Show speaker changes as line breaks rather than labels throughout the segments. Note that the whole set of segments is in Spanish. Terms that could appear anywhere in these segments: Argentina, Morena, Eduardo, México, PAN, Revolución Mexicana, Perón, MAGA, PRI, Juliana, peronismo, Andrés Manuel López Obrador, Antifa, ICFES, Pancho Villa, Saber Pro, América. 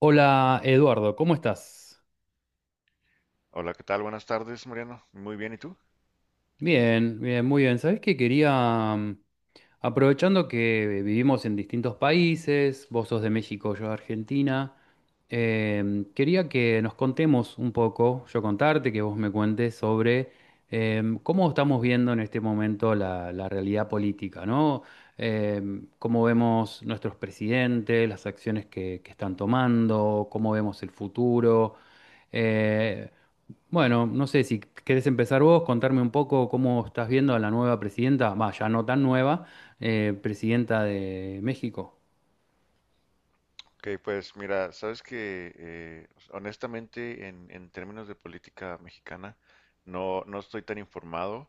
Hola Eduardo, ¿cómo estás?
Hola, ¿qué tal? Buenas tardes, Mariano. Muy bien, ¿y tú?
Bien, bien, muy bien. Sabés que quería, aprovechando que vivimos en distintos países, vos sos de México, yo de Argentina, quería que nos contemos un poco, yo contarte, que vos me cuentes sobre cómo estamos viendo en este momento la realidad política, ¿no? Cómo vemos nuestros presidentes, las acciones que están tomando, cómo vemos el futuro. Eh, bueno, no sé si querés empezar vos, contarme un poco cómo estás viendo a la nueva presidenta, va, ya no tan nueva, presidenta de México.
Ok, pues mira, sabes que honestamente en términos de política mexicana no estoy tan informado.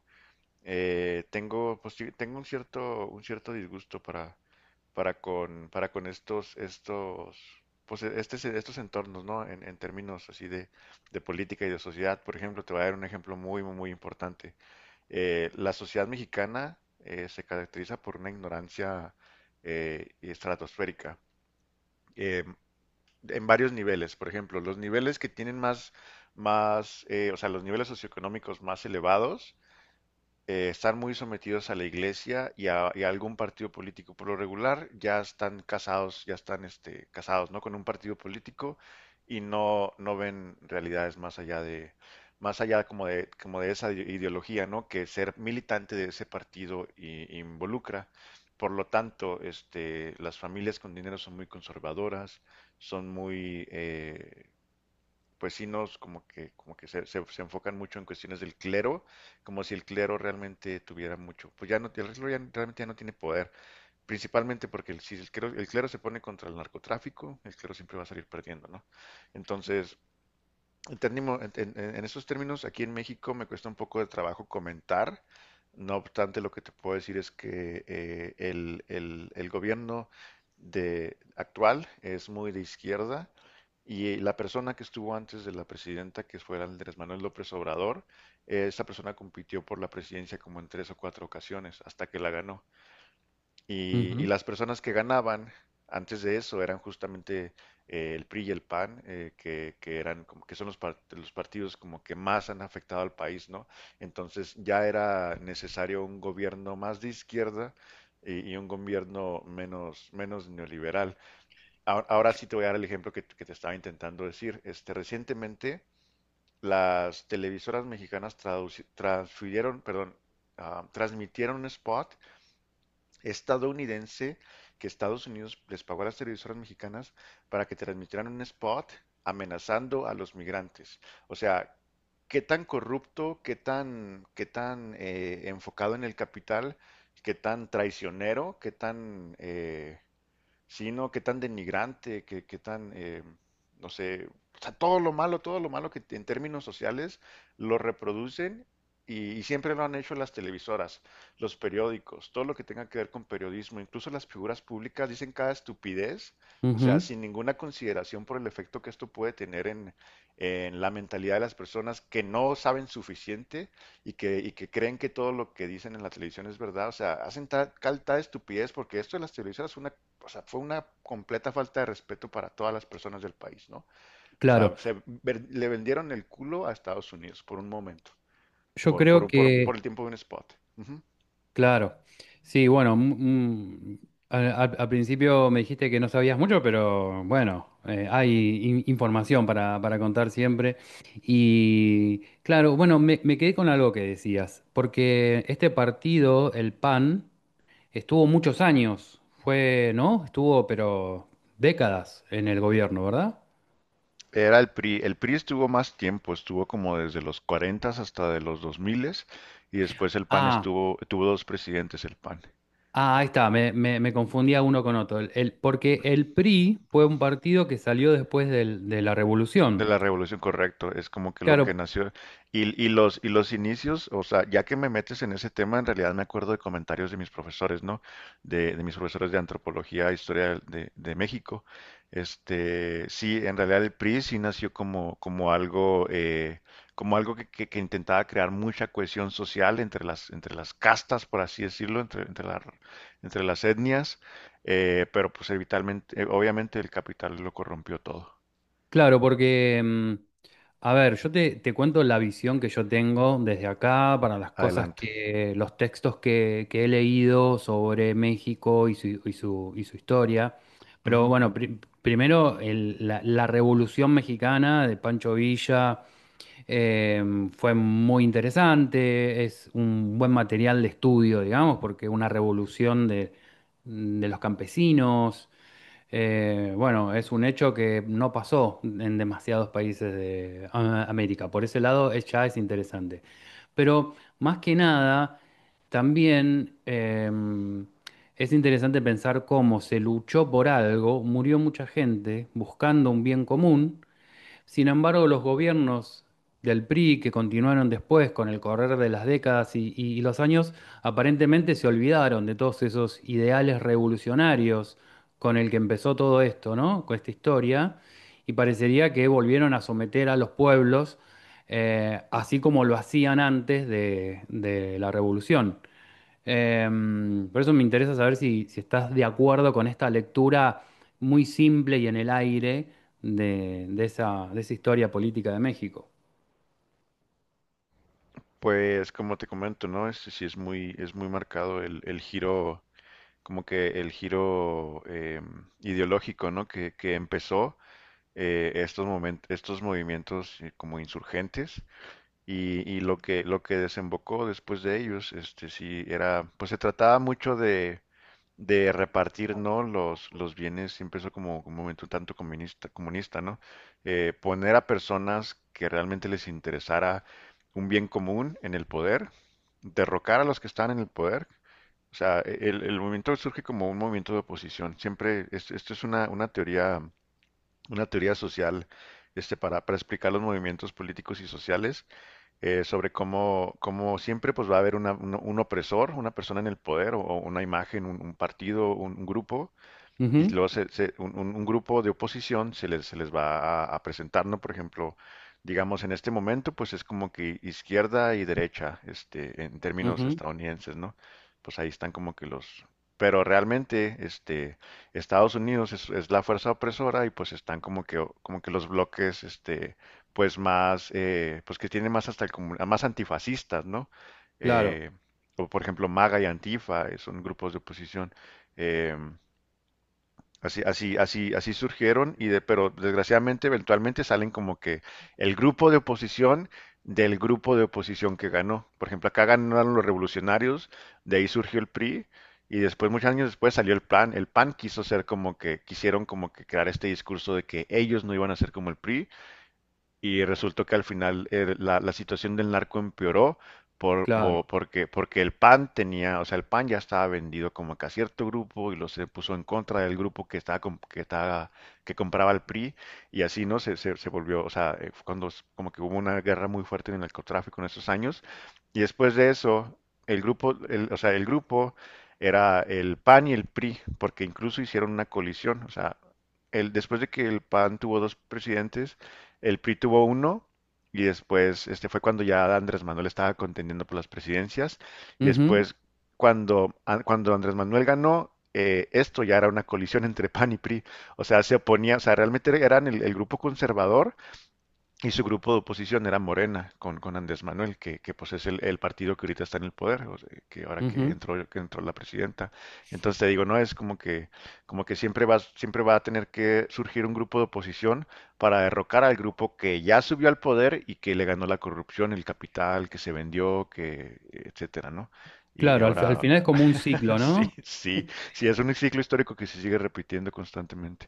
Tengo, pues, sí, tengo un cierto disgusto para con estos entornos, ¿no? En términos así de política y de sociedad, por ejemplo, te voy a dar un ejemplo muy, muy, muy importante. La sociedad mexicana se caracteriza por una ignorancia estratosférica eh, en varios niveles. Por ejemplo, los niveles que tienen más, o sea, los niveles socioeconómicos más elevados están muy sometidos a la iglesia y a algún partido político. Por lo regular, ya están casados, casados, ¿no? Con un partido político y no ven realidades más allá de, más allá como de esa ideología, ¿no? Que ser militante de ese partido involucra. Por lo tanto, las familias con dinero son muy conservadoras, son muy, eh, pues sí nos como que se enfocan mucho en cuestiones del clero, como si el clero realmente tuviera mucho, pues ya no, el clero ya realmente ya no tiene poder, principalmente porque si el clero se pone contra el narcotráfico, el clero siempre va a salir perdiendo, ¿no? Entonces, en esos términos, aquí en México me cuesta un poco de trabajo comentar. No obstante, lo que te puedo decir es que el gobierno actual es muy de izquierda y la persona que estuvo antes de la presidenta, que fue Andrés Manuel López Obrador, esa persona compitió por la presidencia como en tres o cuatro ocasiones hasta que la ganó. Y
Ujú,
las personas que ganaban antes de eso eran justamente el PRI y el PAN, que eran como que son los partidos como que más han afectado al país, ¿no? Entonces ya era necesario un gobierno más de izquierda y un gobierno menos neoliberal. Ahora, ahora sí te voy a dar el ejemplo que te estaba intentando decir. Recientemente las televisoras mexicanas perdón, transmitieron un spot estadounidense que Estados Unidos les pagó a las televisoras mexicanas para que transmitieran un spot amenazando a los migrantes. O sea, qué tan corrupto, qué tan enfocado en el capital, qué tan traicionero, qué tan sí, no, qué tan denigrante, qué tan, no sé, o sea, todo lo malo que en términos sociales lo reproducen y siempre lo han hecho las televisoras, los periódicos, todo lo que tenga que ver con periodismo, incluso las figuras públicas dicen cada estupidez, o sea,
ujú,
sin ninguna consideración por el efecto que esto puede tener en la mentalidad de las personas que no saben suficiente y que creen que todo lo que dicen en la televisión es verdad, o sea, hacen tal estupidez porque esto de las televisoras es una o sea, fue una completa falta de respeto para todas las personas del país, ¿no? O sea,
claro,
le vendieron el culo a Estados Unidos por un momento,
yo
por,
creo
por, por, por
que,
el tiempo de un spot. Ujú.
claro, sí, bueno, mm, al principio me dijiste que no sabías mucho, pero bueno, hay información para contar siempre. Y claro, bueno, me quedé con algo que decías, porque este partido, el PAN, estuvo muchos años, fue, ¿no? Estuvo, pero décadas en el gobierno, ¿verdad?
Era el PRI. El PRI estuvo más tiempo, estuvo como desde los 40 hasta de los 2000 y después el PAN
Ah,
tuvo dos presidentes el PAN.
ah, ahí está, me confundía uno con otro. Porque el PRI fue un partido que salió después de la
De
revolución.
la revolución, correcto, es como que lo
Claro,
que nació. Y los inicios, o sea, ya que me metes en ese tema, en realidad me acuerdo de comentarios de mis profesores, ¿no? De mis profesores de antropología e historia de México. Este, sí, en realidad el PRI sí nació como algo que intentaba crear mucha cohesión social entre las castas, por así decirlo, entre las etnias, pero pues obviamente el capital lo corrompió todo.
claro, porque, a ver, yo te cuento la visión que yo tengo desde acá para las cosas
Adelante.
que, los textos que he leído sobre México y su historia. Pero
Ujú.
bueno, primero la Revolución Mexicana de Pancho Villa, eh, fue muy interesante, es un buen material de estudio, digamos, porque una revolución de los campesinos, bueno, es un hecho que no pasó en demasiados países de América. Por ese lado es- ya es interesante. Pero más que nada, también, es interesante pensar cómo se luchó por algo, murió mucha gente buscando un bien común. Sin embargo, los gobiernos del PRI que continuaron después con el correr de las décadas y, y los años, aparentemente se olvidaron de todos esos ideales revolucionarios con el que empezó todo esto, ¿no? Con esta historia, y parecería que volvieron a someter a los pueblos, así como lo hacían antes de la revolución. Por eso me interesa saber si estás de acuerdo con esta lectura muy simple y en el aire de, de esa historia política de México.
Pues como te comento, ¿no? Este sí es muy marcado el giro, como que el giro ideológico, ¿no? Que empezó estos movimientos como insurgentes. Y lo que desembocó después de ellos, sí, pues se trataba mucho de repartir, ¿no? Los bienes, siempre eso como un movimiento tanto comunista, comunista, ¿no? Poner a personas que realmente les interesara un bien común en el poder, derrocar a los que están en el poder. O sea, el movimiento surge como un movimiento de oposición. Siempre, esto es una teoría social, para explicar los movimientos políticos y sociales sobre cómo siempre pues va a haber un opresor, una persona en el poder o una imagen, un partido, un grupo y
Ujú,
luego un grupo de oposición se les va a presentar, ¿no? Por ejemplo, digamos en este momento, pues es como que izquierda y derecha, en términos
ujú,
estadounidenses, ¿no? Pues ahí están como que los. Pero realmente, Estados Unidos es la fuerza opresora y pues están como que los bloques, pues que tienen más hasta más antifascistas, ¿no?
claro,
Eh, o por ejemplo, MAGA y Antifa son grupos de oposición. Em, así surgieron pero desgraciadamente eventualmente salen como que el grupo de oposición del grupo de oposición que ganó. Por ejemplo, acá ganaron los revolucionarios, de ahí surgió el PRI y después, muchos años después, salió el PAN. El PAN quiso ser como que, quisieron como que crear este discurso de que ellos no iban a ser como el PRI y resultó que al final la situación del narco empeoró por, por-
claro.
porque, porque el PAN tenía, o sea, el PAN ya estaba vendido como que a cierto grupo y lo se puso en contra del grupo que estaba, com- que estaba, que compraba el PRI y así, ¿no? Se volvió, o sea, fue cuando como que hubo una guerra muy fuerte en el narcotráfico en esos años y después de eso, o sea, el grupo era el PAN y el PRI porque incluso hicieron una colisión, o sea, después de que el PAN tuvo dos presidentes, el PRI tuvo uno y después fue cuando ya Andrés Manuel estaba contendiendo por las presidencias y
Ujú,
después cuando Andrés Manuel ganó, esto ya era una colisión entre PAN y PRI. O sea, se oponía, o sea, realmente eran el grupo conservador y su grupo de oposición era Morena, con Andrés Manuel, que pues es el partido que ahorita está en el poder, o sea, que ahora
ujú,
que entró la presidenta. Entonces te digo, no es como que siempre va a tener que surgir un grupo de oposición para derrocar al grupo que ya subió al poder y que le ganó la corrupción, el capital, que se vendió, etcétera, ¿no? Y
claro, al
ahora
final es como un ciclo,
sí,
¿no?
sí, sí, es un ciclo histórico que se sigue repitiendo constantemente.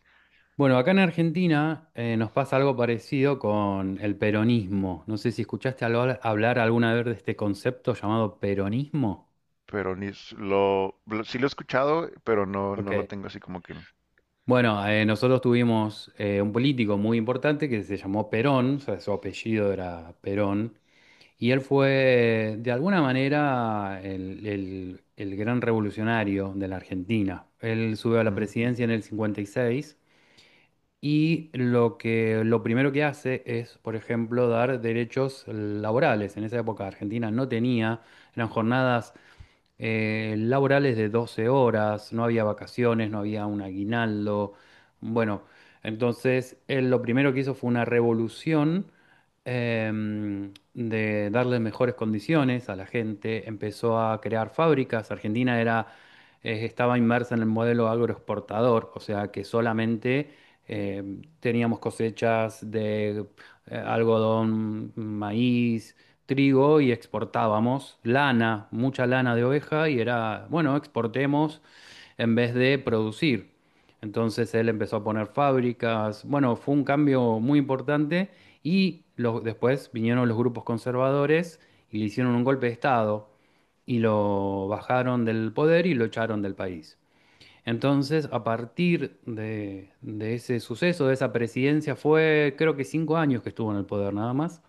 Bueno, acá en Argentina, nos pasa algo parecido con el peronismo. No sé si escuchaste hablar alguna vez de este concepto llamado peronismo.
Pero ni s- lo- sí lo he escuchado, pero no,
Ok.
no lo tengo así como que.
Bueno, nosotros tuvimos, un político muy importante que se llamó Perón, o sea, su apellido era Perón, y él fue de alguna manera el gran revolucionario de la Argentina. Él sube a la
Ujú.
presidencia en el 56 y seis, y lo que, lo primero que hace es, por ejemplo, dar derechos laborales. En esa época Argentina no tenía, eran jornadas, laborales de 12 horas, no había vacaciones, no había un aguinaldo. Bueno, entonces él lo primero que hizo fue una revolución, de darle mejores condiciones a la gente, empezó a crear fábricas. Argentina era, estaba inmersa en el modelo agroexportador, o sea que solamente, teníamos cosechas de algodón, maíz, trigo, y exportábamos lana, mucha lana de oveja y era, bueno, exportemos en vez de producir. Entonces él empezó a poner fábricas, bueno, fue un cambio muy importante, y los- después vinieron los grupos conservadores y le hicieron un golpe de Estado y lo bajaron del poder y lo echaron del país. Entonces, a partir de ese suceso, de esa presidencia, fue creo que 5 años que estuvo en el poder nada más,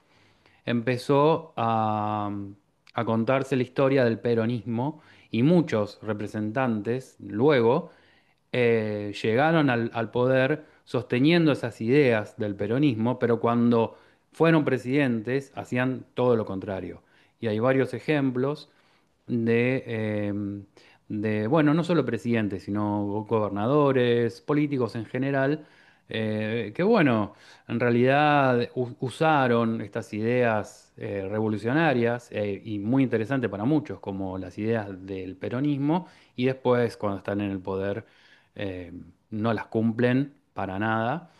empezó a, contarse la historia del peronismo y muchos representantes luego, llegaron al poder sosteniendo esas ideas del peronismo, pero cuando fueron presidentes hacían todo lo contrario. Y hay varios ejemplos de, em, de, bueno, no solo presidentes, sino gobernadores, políticos en general, que bueno, en realidad usaron estas ideas, revolucionarias, y muy interesantes para muchos, como las ideas del peronismo, y después cuando están en el poder, eh, no las cumplen para nada.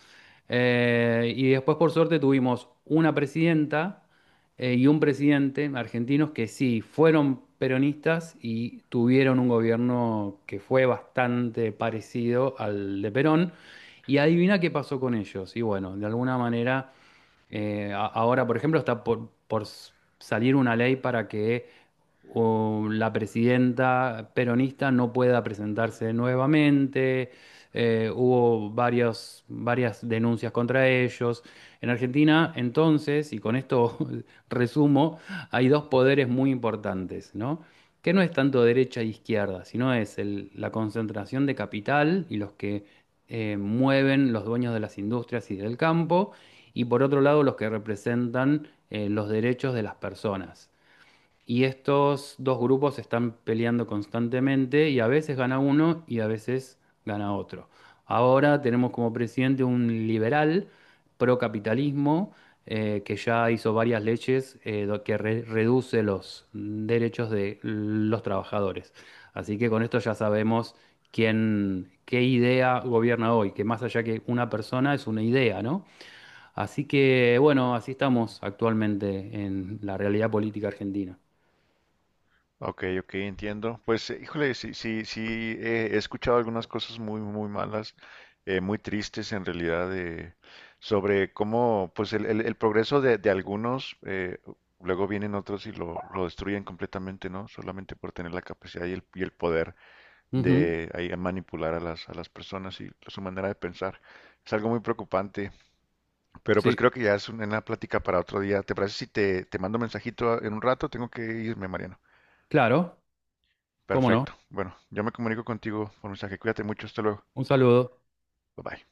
Y después, por suerte, tuvimos una presidenta, y un presidente argentinos que sí fueron peronistas y tuvieron un gobierno que fue bastante parecido al de Perón. Y adivina qué pasó con ellos. Y bueno, de alguna manera, ahora, por ejemplo, está por salir una ley para que la presidenta peronista no pueda presentarse nuevamente. Hubo varias denuncias contra ellos. En Argentina, entonces, y con esto resumo, hay dos poderes muy importantes, ¿no? Que no es tanto derecha e izquierda, sino es la concentración de capital y los que, mueven los dueños de las industrias y del campo, y por otro lado los que representan, los derechos de las personas. Y estos dos grupos están peleando constantemente y a veces gana uno y a veces gana otro. Ahora tenemos como presidente un liberal procapitalismo, que ya hizo varias leyes, que reduce los derechos de los trabajadores. Así que con esto ya sabemos quién, qué idea gobierna hoy, que más allá que una persona es una idea, ¿no? Así que bueno, así estamos actualmente en la realidad política argentina.
Ok, ok, entiendo. Pues, híjole, sí, sí, sí, he escuchado algunas cosas muy, muy malas, muy tristes en realidad, sobre cómo, pues, el progreso de algunos, luego vienen otros y lo destruyen completamente, ¿no? Solamente por tener la capacidad y el poder
Ujú,
de ahí, manipular a las personas y su manera de pensar. Es algo muy preocupante. Pero pues
sí,
creo que ya es una plática para otro día. ¿Te parece si te mando un mensajito en un rato? Tengo que irme, Mariano.
claro, cómo no.
Perfecto. Bueno, yo me comunico contigo por mensaje. Cuídate mucho. Hasta luego.
Un saludo.
Bye bye.